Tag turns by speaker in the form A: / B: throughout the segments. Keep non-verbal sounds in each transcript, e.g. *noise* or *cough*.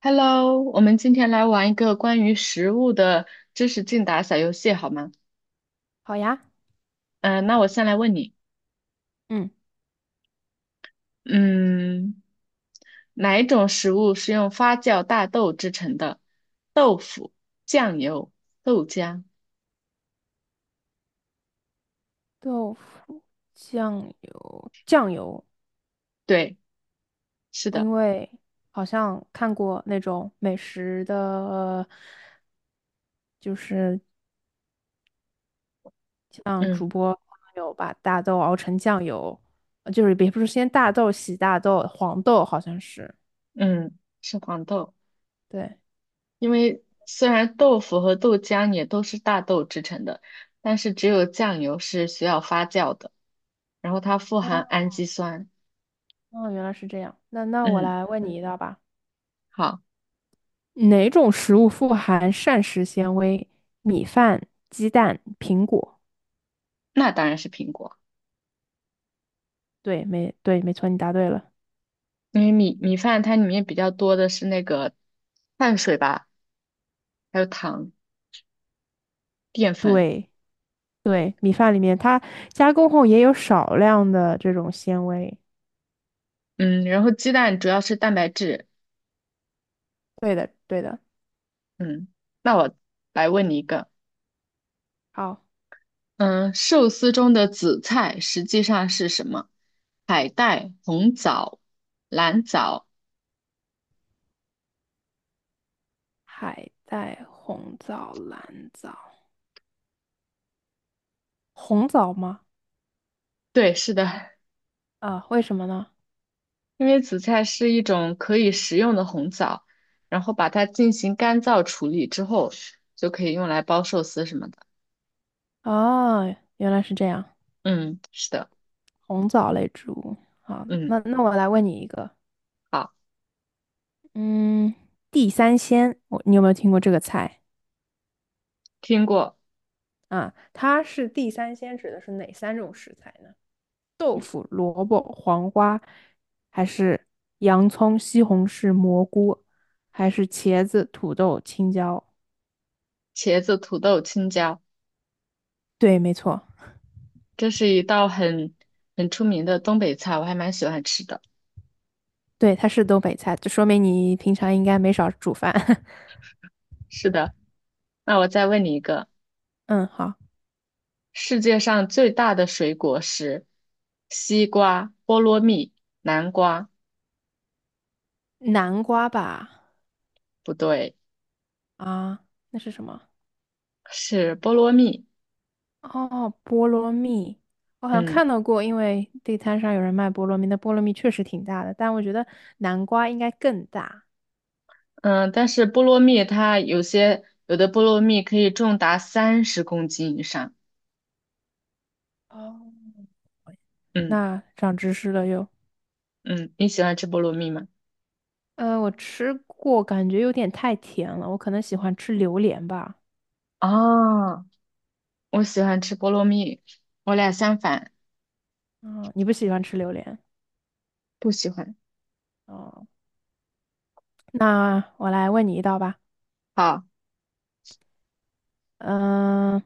A: Hello，我们今天来玩一个关于食物的知识竞答小游戏，好吗？
B: 好呀。
A: 嗯、那我先来问你，
B: 嗯，
A: 嗯，哪一种食物是用发酵大豆制成的？豆腐、酱油、豆浆。
B: 豆腐，酱油，
A: 对，是的，
B: 因为好像看过那种美食的，就是像主
A: 嗯
B: 播他们有把大豆熬成酱油，就是也不是先大豆洗大豆，黄豆好像是，
A: 嗯，是黄豆。
B: 对。
A: 因为虽然豆腐和豆浆也都是大豆制成的，但是只有酱油是需要发酵的，然后它富含氨
B: 哦，
A: 基酸。
B: 哦，原来是这样。那我
A: 嗯，
B: 来问你一道吧，
A: 好，
B: 哪种食物富含膳食纤维？米饭、鸡蛋、苹果。
A: 那当然是苹果。
B: 对，没错，你答对了。
A: 因为米饭它里面比较多的是那个碳水吧，还有糖、淀粉，
B: 对。对，米饭里面它加工后也有少量的这种纤维。
A: 嗯，然后鸡蛋主要是蛋白质，
B: 对的，对的。
A: 嗯，那我来问你一个，
B: 好，
A: 嗯，寿司中的紫菜实际上是什么？海带、红枣、蓝藻，
B: 海带、红枣、蓝枣，红枣吗？
A: 对，是的，
B: 啊，为什么呢？
A: 因为紫菜是一种可以食用的红枣，然后把它进行干燥处理之后，就可以用来包寿司什么的，
B: 啊，原来是这样，
A: 嗯，是的，
B: 红枣类植物。好，
A: 嗯，
B: 那我来问你一个。
A: 好，
B: 嗯，地三鲜，你有没有听过这个菜？
A: 听过。
B: 啊？它是地三鲜指的是哪三种食材呢？豆腐、萝卜、黄瓜，还是洋葱、西红柿、蘑菇，还是茄子、土豆、青椒？
A: 茄子、土豆、青椒，
B: 对，没错。
A: 这是一道很出名的东北菜，我还蛮喜欢吃的。
B: 对，它是东北菜，就说明你平常应该没少煮饭。*laughs*
A: 是的，那我再问你一个，
B: 嗯，好，
A: 世界上最大的水果是西瓜、菠萝蜜、南瓜，
B: 南瓜吧？
A: 不对，
B: 啊，那是什么？
A: 是菠萝蜜。
B: 哦，菠萝蜜，我好像
A: 嗯
B: 看到过，因为地摊上有人卖菠萝蜜，那菠萝蜜确实挺大的，但我觉得南瓜应该更大。
A: 嗯，但是菠萝蜜它有的菠萝蜜可以重达30公斤以上。
B: 哦，
A: 嗯
B: 那长知识了又。
A: 嗯，你喜欢吃菠萝蜜吗？
B: 我吃过，感觉有点太甜了，我可能喜欢吃榴莲吧。
A: 哦，我喜欢吃菠萝蜜，我俩相反，
B: 啊、你不喜欢吃榴莲？
A: 不喜欢。
B: 哦，那我来问你一道吧。
A: 好。
B: 嗯、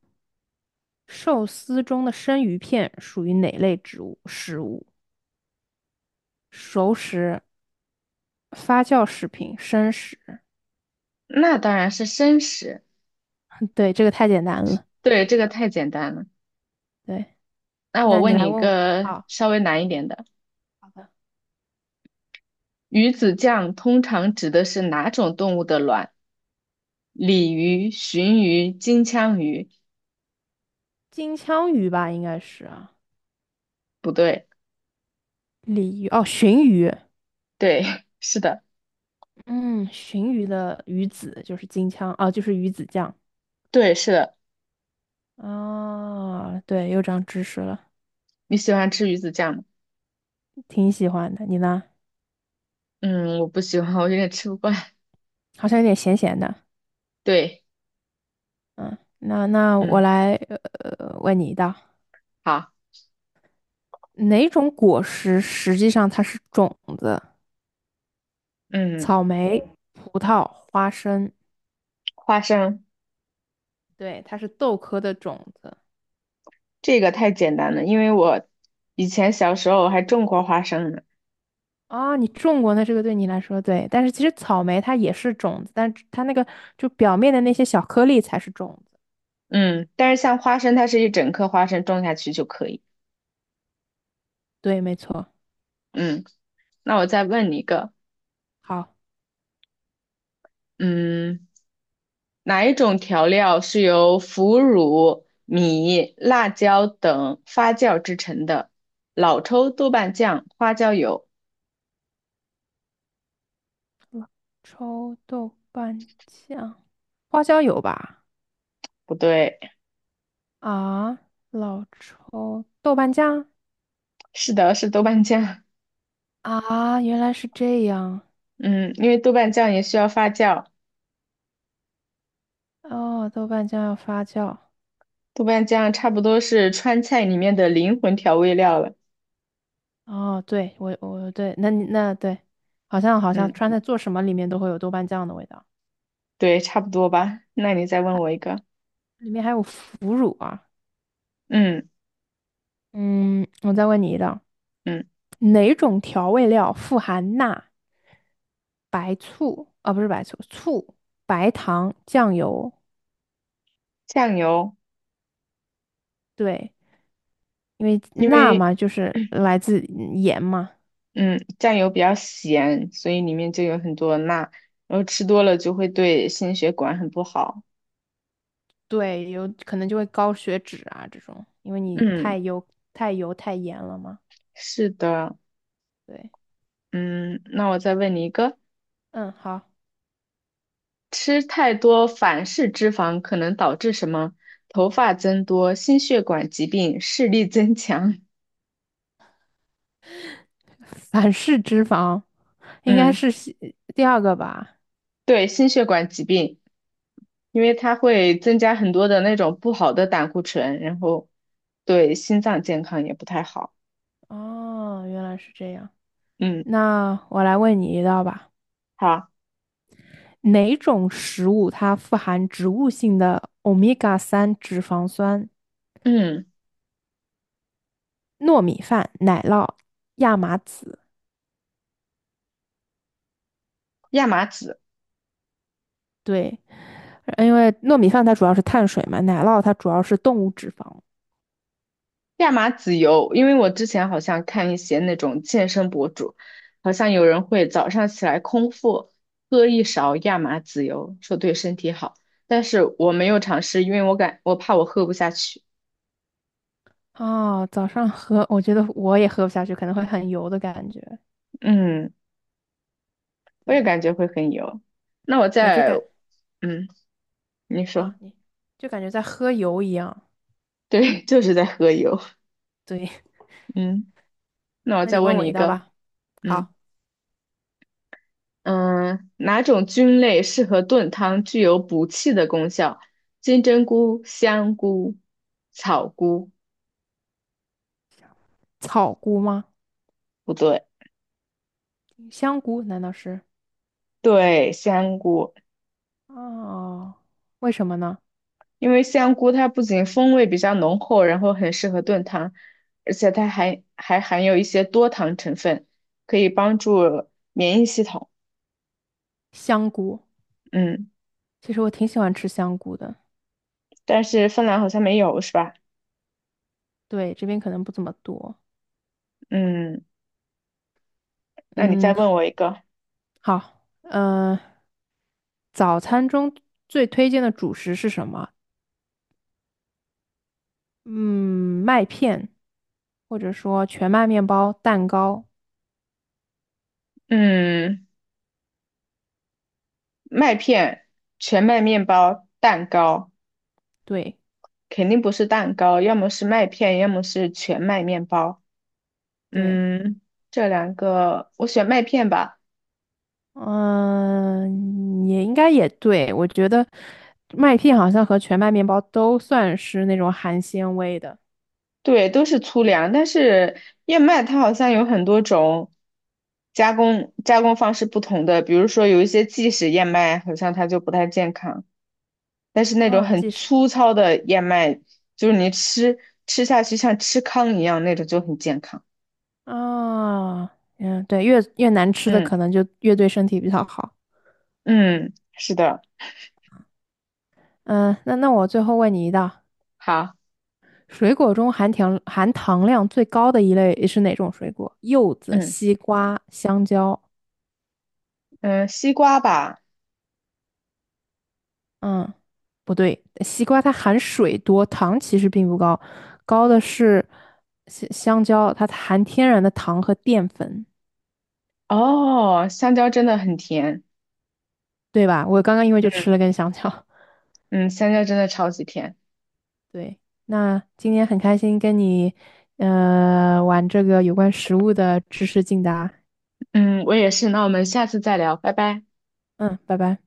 B: 寿司中的生鱼片属于哪类植物食物？熟食、发酵食品、生食。
A: 那当然是生食。
B: 嗯对，这个太简单了。
A: 对，这个太简单了。
B: 对，
A: 那我
B: 那你
A: 问你
B: 来
A: 一
B: 问我。
A: 个
B: 好，
A: 稍微难一点的，
B: 好的。
A: 鱼子酱通常指的是哪种动物的卵？鲤鱼、鲟鱼、金枪鱼？
B: 金枪鱼吧，应该是啊。
A: 不对，
B: 鲤鱼哦，鲟鱼。
A: 对，*laughs* 是的，
B: 嗯，鲟鱼的鱼子就是金枪，哦，就是鱼子酱。
A: 对，是的。
B: 哦，对，又长知识了。
A: 你喜欢吃鱼子酱吗？
B: 挺喜欢的。你呢？
A: 嗯，我不喜欢，我有点吃不惯。
B: 好像有点咸咸的。
A: 对，
B: 嗯，那我
A: 嗯，
B: 来问你一道，
A: 好，
B: 哪种果实实际上它是种子？
A: 嗯，
B: 草莓、葡萄、花生。
A: 花生
B: 对，它是豆科的种子。
A: 这个太简单了，因为我以前小时候还种过花生呢。
B: 啊，你种过，那这个对你来说对，但是其实草莓它也是种子，但是它那个就表面的那些小颗粒才是种子。
A: 嗯，但是像花生，它是一整颗花生种下去就可以。
B: 对，没错。
A: 嗯，那我再问你一个，
B: 好，
A: 嗯，哪一种调料是由腐乳、米、辣椒等发酵制成的？老抽、豆瓣酱、花椒油？
B: 老抽、豆瓣酱、花椒油吧。
A: 不对，
B: 啊，老抽、豆瓣酱，
A: 是的，是豆瓣酱。
B: 啊，原来是这样。
A: 嗯，因为豆瓣酱也需要发酵，
B: 哦，豆瓣酱要发酵。
A: 豆瓣酱差不多是川菜里面的灵魂调味料了。
B: 哦，对，我对，那你那对，好像好
A: 嗯，
B: 像川菜做什么里面都会有豆瓣酱的味道，
A: 对，差不多吧。那你再问我一个，
B: 里面还有腐乳啊。
A: 嗯
B: 嗯，我再问你一道，
A: 嗯，
B: 哪种调味料富含钠、白醋啊，不是白醋，醋、白糖、酱油？
A: 酱油，
B: 对，因为
A: 因
B: 钠
A: 为。
B: 嘛，就是来自盐嘛。
A: 嗯，酱油比较咸，所以里面就有很多钠，然后吃多了就会对心血管很不好。
B: 对，有可能就会高血脂啊这种，因为你
A: 嗯，
B: 太油、太油、太盐了嘛。
A: 是的，
B: 对，
A: 嗯，那我再问你一个，
B: 嗯，好，
A: 吃太多反式脂肪可能导致什么？头发增多、心血管疾病、视力增强。
B: 反式脂肪应该
A: 嗯，
B: 是第二个吧？
A: 对，心血管疾病，因为它会增加很多的那种不好的胆固醇，然后对心脏健康也不太好。
B: 哦，原来是这样。
A: 嗯，
B: 那我来问你一道吧，
A: 好，
B: 哪种食物它富含植物性的欧米伽三脂肪酸？
A: 嗯，
B: 糯米饭、奶酪、亚麻籽。
A: 亚麻籽。
B: 对，因为糯米饭它主要是碳水嘛，奶酪它主要是动物脂肪。
A: 亚麻籽油，因为我之前好像看一些那种健身博主，好像有人会早上起来空腹喝一勺亚麻籽油，说对身体好。但是我没有尝试，因为我怕我喝不下去。
B: 哦，早上喝，我觉得我也喝不下去，可能会很油的感觉。
A: 嗯，我也
B: 对。
A: 感觉会很油。那我
B: 对，
A: 再，嗯，你说，
B: 啊，你就感觉在喝油一样。
A: 对，*laughs* 就是在喝油。
B: 对。
A: 嗯，那
B: *laughs*
A: 我
B: 那
A: 再
B: 你问
A: 问
B: 我
A: 你一
B: 一道
A: 个，
B: 吧。
A: 嗯。
B: 好，
A: 嗯，哪种菌类适合炖汤，具有补气的功效？金针菇、香菇、草菇，
B: 草菇吗？
A: 不对，
B: 香菇难道是？
A: 对，香菇，
B: 哦，为什么呢？
A: 因为香菇它不仅风味比较浓厚，然后很适合炖汤，而且它还含有一些多糖成分，可以帮助免疫系统。
B: 香菇，
A: 嗯，
B: 其实我挺喜欢吃香菇的。
A: 但是芬兰好像没有，是吧？
B: 对，这边可能不怎么多。
A: 嗯，那你再
B: 嗯，
A: 问我一个。
B: 好，早餐中最推荐的主食是什么？嗯，麦片，或者说全麦面包、蛋糕。
A: 嗯，麦片、全麦面包、蛋糕。
B: 对。
A: 肯定不是蛋糕，要么是麦片，要么是全麦面包。
B: 对，
A: 嗯，这两个我选麦片吧。
B: 嗯，也应该也对。我觉得麦片好像和全麦面包都算是那种含纤维的。
A: 对，都是粗粮，但是燕麦它好像有很多种加工方式不同的，比如说有一些即食燕麦，好像它就不太健康，但是那种
B: 啊，
A: 很
B: 即使
A: 粗糙的燕麦，就是吃下去像吃糠一样那种就很健康。
B: 啊，嗯，对，越难吃的
A: 嗯
B: 可能就越对身体比较好。
A: 嗯，是的，
B: 嗯，那我最后问你一道，
A: 好，
B: 水果中含糖量最高的一类是哪种水果？柚子、
A: 嗯
B: 西瓜、香蕉。
A: 嗯，西瓜吧。
B: 嗯，不对，西瓜它含水多，糖其实并不高，高的是香蕉，它含天然的糖和淀粉，
A: 哦，香蕉真的很甜，
B: 对吧？我刚刚因为就吃了根香蕉。*laughs*
A: 嗯，香蕉真的超级甜，
B: 对，那今天很开心跟你玩这个有关食物的知识竞答。
A: 嗯，我也是，那我们下次再聊，拜拜。
B: 嗯，拜拜。